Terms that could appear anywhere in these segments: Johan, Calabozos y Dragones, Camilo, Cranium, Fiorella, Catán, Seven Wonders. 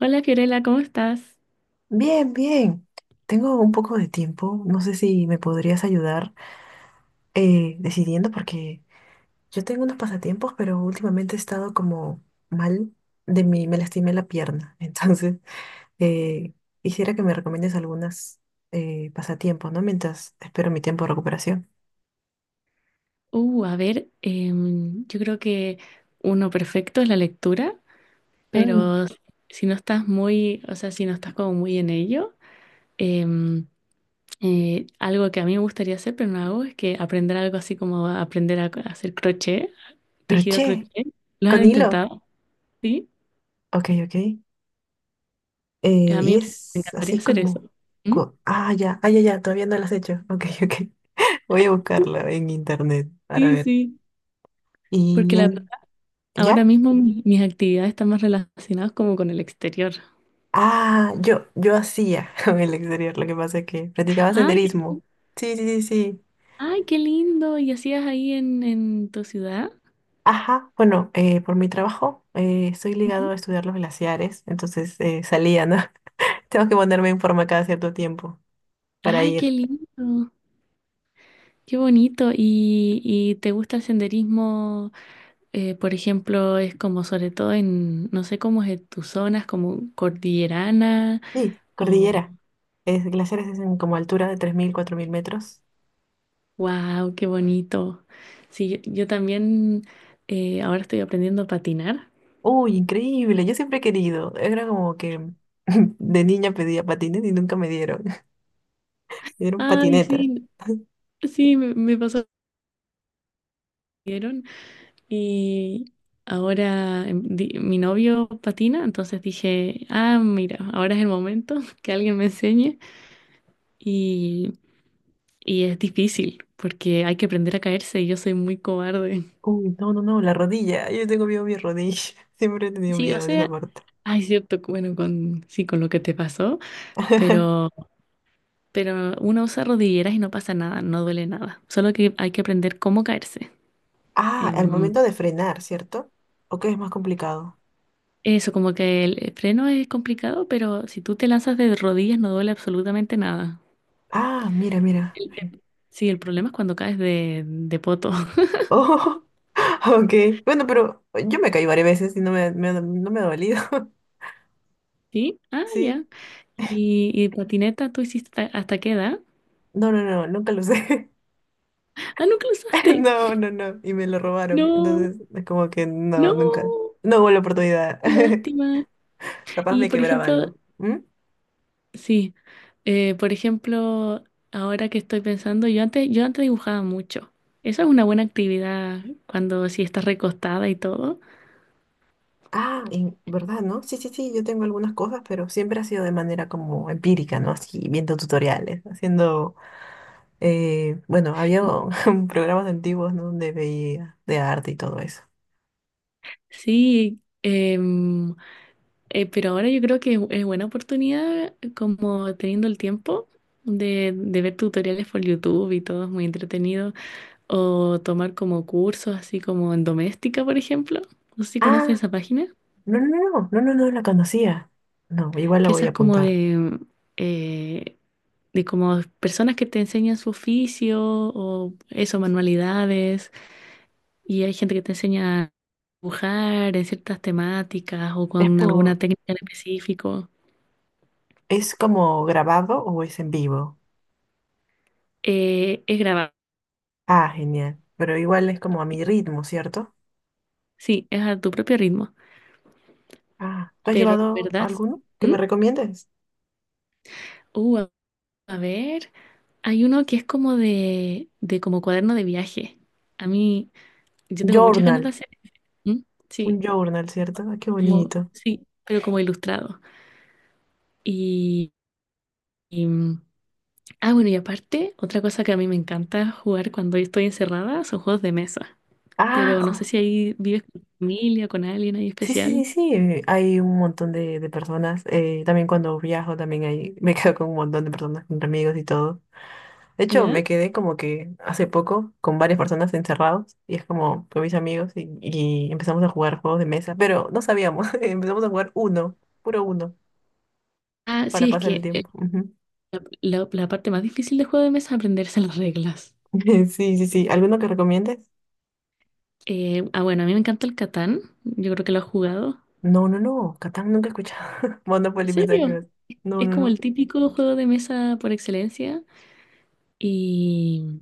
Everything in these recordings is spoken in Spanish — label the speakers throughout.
Speaker 1: Hola Fiorella, ¿cómo estás?
Speaker 2: Bien, bien. Tengo un poco de tiempo. No sé si me podrías ayudar decidiendo porque yo tengo unos pasatiempos, pero últimamente he estado como mal de mí, me lastimé la pierna. Entonces, eh, quisiera que me recomiendes algunas pasatiempos, ¿no? Mientras espero mi tiempo de recuperación.
Speaker 1: Yo creo que uno perfecto es la lectura,
Speaker 2: Mm,
Speaker 1: pero si no estás muy, o sea, si no estás como muy en ello, em, algo que a mí me gustaría hacer, pero no hago, es que aprender algo así como aprender a hacer crochet, tejido
Speaker 2: crochet,
Speaker 1: crochet. ¿Lo has
Speaker 2: con hilo.
Speaker 1: intentado? Sí,
Speaker 2: Ok, ok.
Speaker 1: a
Speaker 2: Y
Speaker 1: mí me
Speaker 2: es
Speaker 1: encantaría
Speaker 2: así
Speaker 1: hacer eso.
Speaker 2: como...
Speaker 1: ¿Mm?
Speaker 2: ah, ya, ah, ya, ya, todavía no lo has hecho. Ok, ok. Voy a buscarla en internet para
Speaker 1: Sí,
Speaker 2: ver.
Speaker 1: sí. Porque
Speaker 2: Y él,
Speaker 1: ahora
Speaker 2: ¿ya?
Speaker 1: mismo mis actividades están más relacionadas como con el exterior.
Speaker 2: Ah, yo hacía en el exterior, lo que pasa es que practicaba
Speaker 1: Ah,
Speaker 2: senderismo. Sí, sí, sí, sí.
Speaker 1: ay, qué lindo. ¿Y hacías ahí en tu ciudad?
Speaker 2: Ajá, bueno, por mi trabajo estoy ligado
Speaker 1: Ujú.
Speaker 2: a estudiar los glaciares, entonces salía, ¿no? Tengo que ponerme en forma cada cierto tiempo para
Speaker 1: Ay, qué
Speaker 2: ir.
Speaker 1: lindo. Qué bonito. ¿Y te gusta el senderismo? Por ejemplo, es como sobre todo en, no sé cómo es en tus zonas, como cordillerana.
Speaker 2: Sí,
Speaker 1: O,
Speaker 2: cordillera. Es, glaciares es en como altura de 3000 4000 metros.
Speaker 1: wow, qué bonito. Sí, yo también ahora estoy aprendiendo a patinar.
Speaker 2: Uy, increíble, yo siempre he querido. Era como que de niña pedía patines y nunca me dieron. Me dieron
Speaker 1: Ay,
Speaker 2: patineta.
Speaker 1: sí, sí, me pasó. Y ahora mi novio patina, entonces dije, ah, mira, ahora es el momento que alguien me enseñe. Y, y es difícil porque hay que aprender a caerse y yo soy muy cobarde.
Speaker 2: Uy, no, no, no, la rodilla. Yo tengo miedo a mi rodilla. Siempre he tenido
Speaker 1: Sí, o
Speaker 2: miedo en esa
Speaker 1: sea,
Speaker 2: parte.
Speaker 1: hay cierto, que, bueno, sí, con lo que te pasó, pero, pero uno usa rodilleras y no pasa nada, no duele nada. Solo que hay que aprender cómo caerse.
Speaker 2: Ah, al
Speaker 1: Em,
Speaker 2: momento de frenar, ¿cierto? ¿O qué es más complicado?
Speaker 1: Eso, como que el freno es complicado, pero si tú te lanzas de rodillas no duele absolutamente nada.
Speaker 2: Ah, mira, mira. Ay.
Speaker 1: Sí, el problema es cuando caes de poto.
Speaker 2: Oh, ok. Bueno, pero yo me caí varias veces y no me ha dolido.
Speaker 1: ¿Sí? Ah, ya.
Speaker 2: ¿Sí?
Speaker 1: ¿Y patineta tú hiciste hasta qué edad?
Speaker 2: No, no, no, nunca lo usé.
Speaker 1: Ah, nunca lo usaste.
Speaker 2: No, no, no. Y me lo robaron.
Speaker 1: No,
Speaker 2: Entonces, es como que no, nunca.
Speaker 1: no,
Speaker 2: No hubo la oportunidad.
Speaker 1: qué lástima.
Speaker 2: Capaz
Speaker 1: Y
Speaker 2: me
Speaker 1: por
Speaker 2: quebraba
Speaker 1: ejemplo,
Speaker 2: algo. ¿Mm?
Speaker 1: sí, por ejemplo, ahora que estoy pensando, yo antes dibujaba mucho. Esa es una buena actividad cuando si estás recostada y todo.
Speaker 2: Ah, en verdad, ¿no? Sí, sí, sí, yo tengo algunas cosas, pero siempre ha sido de manera como empírica, ¿no? Así, viendo tutoriales, bueno, había programas antiguos, ¿no? Donde veía de arte y todo eso.
Speaker 1: Sí, pero ahora yo creo que es buena oportunidad, como teniendo el tiempo, de ver tutoriales por YouTube y todo es muy entretenido. O tomar como cursos, así como en doméstica, por ejemplo. No sé si conoces
Speaker 2: Ah,
Speaker 1: esa página,
Speaker 2: no, no, no, no, no, no la conocía. No, igual la
Speaker 1: que
Speaker 2: voy
Speaker 1: esa
Speaker 2: a
Speaker 1: es como
Speaker 2: apuntar.
Speaker 1: eh, de como personas que te enseñan su oficio o eso, manualidades. Y hay gente que te enseña a dibujar en ciertas temáticas o
Speaker 2: Es
Speaker 1: con alguna
Speaker 2: por,
Speaker 1: técnica en específico.
Speaker 2: ¿Es como grabado o es en vivo?
Speaker 1: Es grabado.
Speaker 2: Ah, genial. Pero igual es como a mi ritmo, ¿cierto?
Speaker 1: Sí, es a tu propio ritmo.
Speaker 2: Ah, ¿tú has
Speaker 1: Pero de
Speaker 2: llevado
Speaker 1: verdad,
Speaker 2: alguno que me
Speaker 1: ¿Mm?
Speaker 2: recomiendes?
Speaker 1: uh, a a ver, hay uno que es como de como cuaderno de viaje. A mí, yo tengo muchas ganas de
Speaker 2: Journal,
Speaker 1: hacer. ¿Mm?
Speaker 2: un
Speaker 1: Sí,
Speaker 2: journal, ¿cierto? Ah, qué
Speaker 1: como,
Speaker 2: bonito.
Speaker 1: sí, pero como ilustrado. Y, y, mm, ah, bueno, y aparte, otra cosa que a mí me encanta jugar cuando yo estoy encerrada son juegos de mesa.
Speaker 2: Ah,
Speaker 1: Pero no sé
Speaker 2: jo-
Speaker 1: si ahí vives con tu familia, con alguien ahí
Speaker 2: sí, sí, sí,
Speaker 1: especial.
Speaker 2: sí. Hay un montón de personas. También cuando viajo, también hay, me quedo con un montón de personas, con amigos y todo. De hecho, me
Speaker 1: ¿Ya?
Speaker 2: quedé como que hace poco con varias personas encerrados y es como con mis amigos y empezamos a jugar juegos de mesa, pero no sabíamos. Empezamos a jugar uno, puro uno,
Speaker 1: Ah,
Speaker 2: para
Speaker 1: sí, es
Speaker 2: pasar el
Speaker 1: que
Speaker 2: tiempo. Ujú.
Speaker 1: la parte más difícil de juego de mesa es aprenderse las reglas.
Speaker 2: Sí, sí, sí. ¿Alguno que recomiendes?
Speaker 1: Bueno, a mí me encanta el Catán. Yo creo que lo has jugado.
Speaker 2: No, no, no. Catán nunca he escuchado.
Speaker 1: ¿En
Speaker 2: Monopoly, pensaba que
Speaker 1: serio?
Speaker 2: ibas- no,
Speaker 1: Es
Speaker 2: no,
Speaker 1: como el
Speaker 2: no.
Speaker 1: típico juego de mesa por excelencia. Y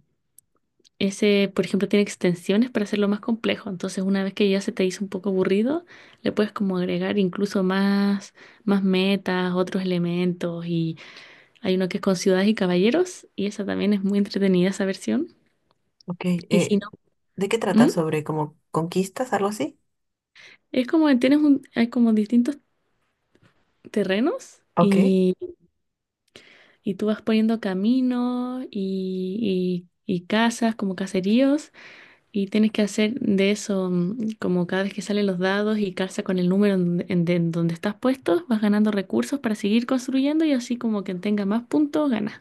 Speaker 1: ese, por ejemplo, tiene extensiones para hacerlo más complejo. Entonces, una vez que ya se te hizo un poco aburrido, le puedes como agregar incluso más, más metas, otros elementos. Y hay uno que es con ciudades y caballeros. Y esa también es muy entretenida, esa versión.
Speaker 2: Ok,
Speaker 1: Y si no,
Speaker 2: ¿de qué trata?
Speaker 1: ¿Mm?
Speaker 2: ¿Sobre como conquistas, algo así?
Speaker 1: Es como que tienes un, hay como distintos terrenos.
Speaker 2: Ok.
Speaker 1: Y y tú vas poniendo caminos y casas como caseríos y tienes que hacer de eso mm, como cada vez que salen los dados y calza con el número en donde estás puesto, vas ganando recursos para seguir construyendo y así como quien tenga más puntos gana.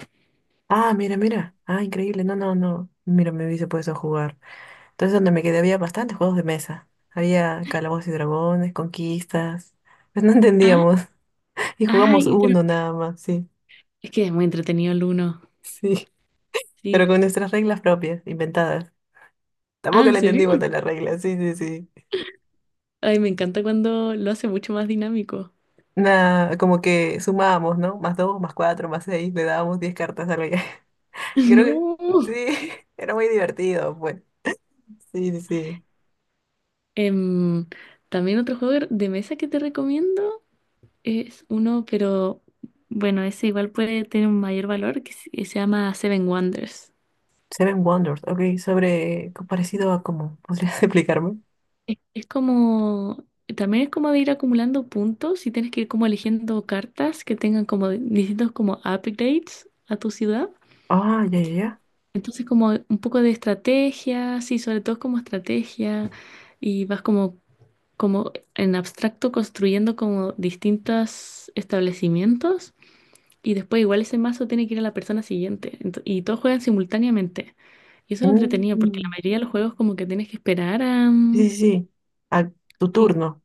Speaker 2: Ah, mira, mira. Ah, increíble. No, no, no. Mira, me hubiese puesto a jugar. Entonces, donde me quedé había bastantes juegos de mesa. Había Calabozos y Dragones, conquistas. Pues no
Speaker 1: Ah,
Speaker 2: entendíamos. Y jugamos
Speaker 1: ay, pero
Speaker 2: uno nada más, sí.
Speaker 1: es que es muy entretenido el uno.
Speaker 2: Sí.
Speaker 1: Sí.
Speaker 2: Pero con nuestras reglas propias, inventadas.
Speaker 1: Ah,
Speaker 2: Tampoco
Speaker 1: ¿en
Speaker 2: le entendimos
Speaker 1: serio?
Speaker 2: de las reglas, sí, sí, sí.
Speaker 1: Ay, me encanta cuando lo hace mucho más dinámico.
Speaker 2: Nada, como que sumábamos, ¿no? Más dos, más cuatro, más seis, le dábamos 10 cartas a alguien. Creo que
Speaker 1: No.
Speaker 2: sí, era muy divertido, pues. Sí, sí, sí.
Speaker 1: Em, También otro juego de mesa que te recomiendo. Es uno, pero bueno, ese igual puede tener un mayor valor que se llama Seven Wonders.
Speaker 2: Seven Wonders, ok, sobre parecido a cómo, ¿podrías explicarme?
Speaker 1: Es como, también es como de ir acumulando puntos y tienes que ir como eligiendo cartas que tengan como distintos como upgrades a tu ciudad.
Speaker 2: Ah, ya, ya, ya.
Speaker 1: Entonces como un poco de estrategia, sí, sobre todo como estrategia y vas como, como en abstracto construyendo como distintos establecimientos. Y después igual ese mazo tiene que ir a la persona siguiente. Y todos juegan simultáneamente. Y eso es lo entretenido, porque la
Speaker 2: Mm,
Speaker 1: mayoría de los juegos como que tienes que esperar a...
Speaker 2: sí,
Speaker 1: mm,
Speaker 2: sí, sí. A tu
Speaker 1: sí,
Speaker 2: turno.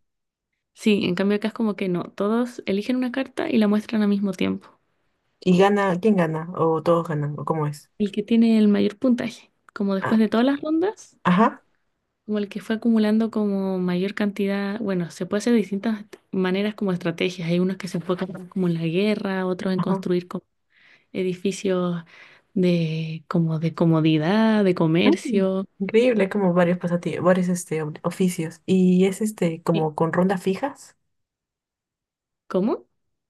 Speaker 1: sí, en cambio acá es como que no. Todos eligen una carta y la muestran al mismo tiempo.
Speaker 2: ¿Y gana? ¿Quién gana? ¿O todos ganan? ¿O cómo es?
Speaker 1: El que tiene el mayor puntaje, como después
Speaker 2: Ah,
Speaker 1: de todas las rondas,
Speaker 2: ajá,
Speaker 1: como el que fue acumulando como mayor cantidad, bueno, se puede hacer de distintas maneras como estrategias. Hay unos que se enfocan más como en la guerra, otros en
Speaker 2: ajá.
Speaker 1: construir como edificios de como de comodidad, de
Speaker 2: Mm,
Speaker 1: comercio.
Speaker 2: increíble, hay como varios pasatiempos varios este, oficios. Y es este,
Speaker 1: Eh,
Speaker 2: como
Speaker 1: ¿Cómo?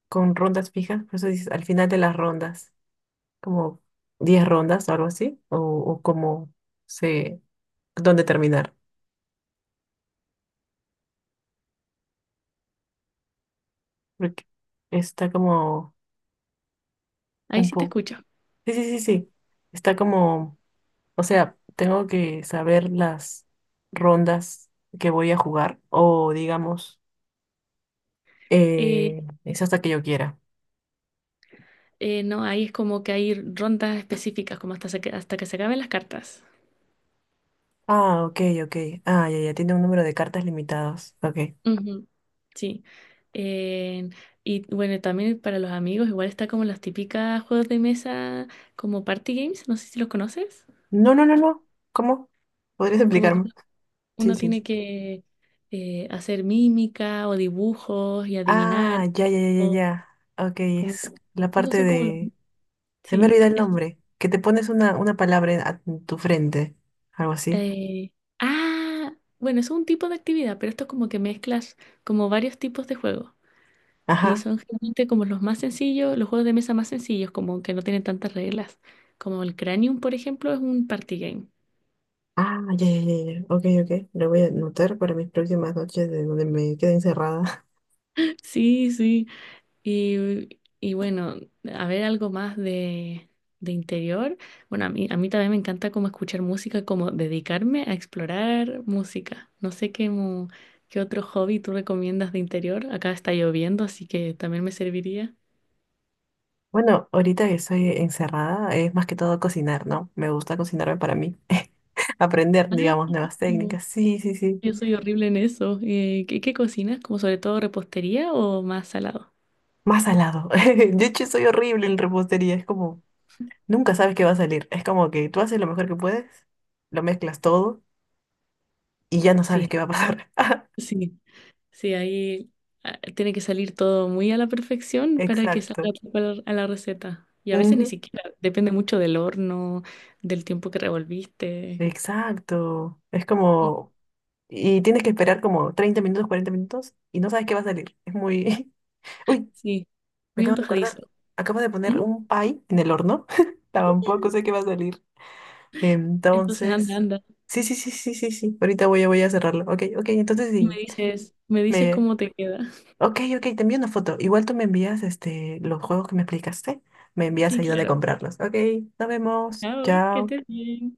Speaker 2: con rondas fijas, por eso dices, al final de las rondas. Como 10 rondas o algo así, o cómo se, dónde terminar, porque está como
Speaker 1: Ahí
Speaker 2: un
Speaker 1: sí te
Speaker 2: poco,
Speaker 1: escucho.
Speaker 2: sí, sí, sí, sí, está como, o sea, tengo que saber las rondas que voy a jugar, o digamos,
Speaker 1: Eh,
Speaker 2: es hasta que yo quiera.
Speaker 1: no, ahí es como que hay rondas específicas, como hasta, hasta que se acaben las cartas.
Speaker 2: Ah, ok, ok, ah, ya, ya, tiene un número de cartas limitados, ok.
Speaker 1: Ujú, sí. Eh, y bueno, también para los amigos, igual está como las típicas juegos de mesa, como party games, no sé si los conoces.
Speaker 2: No, no, no, no, ¿cómo? ¿Podrías
Speaker 1: Como que
Speaker 2: explicarme? Sí,
Speaker 1: uno
Speaker 2: sí, sí.
Speaker 1: tiene que hacer mímica o dibujos y adivinar.
Speaker 2: Ah, ya, ya, ya, ya,
Speaker 1: O
Speaker 2: ya. Ok,
Speaker 1: como,
Speaker 2: es la
Speaker 1: esos
Speaker 2: parte
Speaker 1: son como los...
Speaker 2: de se me
Speaker 1: Sí.
Speaker 2: olvida el nombre. Que te pones una palabra en, a tu frente. Algo así.
Speaker 1: Eh, ah, bueno, es un tipo de actividad, pero esto es como que mezclas como varios tipos de juegos. Y
Speaker 2: Ajá.
Speaker 1: son generalmente como los más sencillos, los juegos de mesa más sencillos, como que no tienen tantas reglas. Como el Cranium, por ejemplo, es un party game.
Speaker 2: Ah, ya, ya, ya, ya. Ok, ok. Lo voy a anotar para mis próximas noches de donde me quede encerrada.
Speaker 1: Sí, sí. Bueno, a ver algo más de interior. Bueno, a mí también me encanta como escuchar música, como dedicarme a explorar música. No sé qué, qué otro hobby tú recomiendas de interior. Acá está lloviendo, así que también me serviría.
Speaker 2: Bueno, ahorita que estoy encerrada es más que todo cocinar, ¿no? Me gusta cocinarme para mí. Aprender,
Speaker 1: Ay,
Speaker 2: digamos,
Speaker 1: qué
Speaker 2: nuevas
Speaker 1: rico.
Speaker 2: técnicas. Sí, sí, sí.
Speaker 1: Yo soy horrible en eso. Qué cocinas? ¿Como sobre todo repostería o más salado?
Speaker 2: Más salado. De hecho, soy horrible en repostería. Es como, nunca sabes qué va a salir. Es como que tú haces lo mejor que puedes, lo mezclas todo y ya no sabes qué
Speaker 1: Sí,
Speaker 2: va a pasar.
Speaker 1: sí. Sí, ahí ah, tiene que salir todo muy a la perfección para que salga
Speaker 2: Exacto.
Speaker 1: tal cual a la receta. Y a veces ni
Speaker 2: Ujú,
Speaker 1: siquiera, depende mucho del horno, del tiempo que revolviste.
Speaker 2: exacto. Es
Speaker 1: Mm,
Speaker 2: como... Y tienes que esperar como 30 minutos, 40 minutos y no sabes qué va a salir. Es muy... Uy,
Speaker 1: sí,
Speaker 2: me
Speaker 1: muy
Speaker 2: acabo de acordar.
Speaker 1: antojadizo.
Speaker 2: Acabo de poner
Speaker 1: Mm,
Speaker 2: un pie en el horno. Tampoco sé qué va a salir.
Speaker 1: entonces anda,
Speaker 2: Entonces...
Speaker 1: anda,
Speaker 2: Sí, sí, sí, sí, sí, sí. Ahorita voy a, voy a cerrarlo. Ok, ok. Entonces
Speaker 1: y
Speaker 2: sí.
Speaker 1: me dices
Speaker 2: Me...
Speaker 1: cómo te queda.
Speaker 2: Ok, ok. Te envío una foto. Igual tú me envías este, los juegos que me explicaste. Me envías
Speaker 1: Sí,
Speaker 2: ahí donde
Speaker 1: claro.
Speaker 2: comprarlos. Ok, nos vemos.
Speaker 1: Chao, que
Speaker 2: Chao.
Speaker 1: estés bien.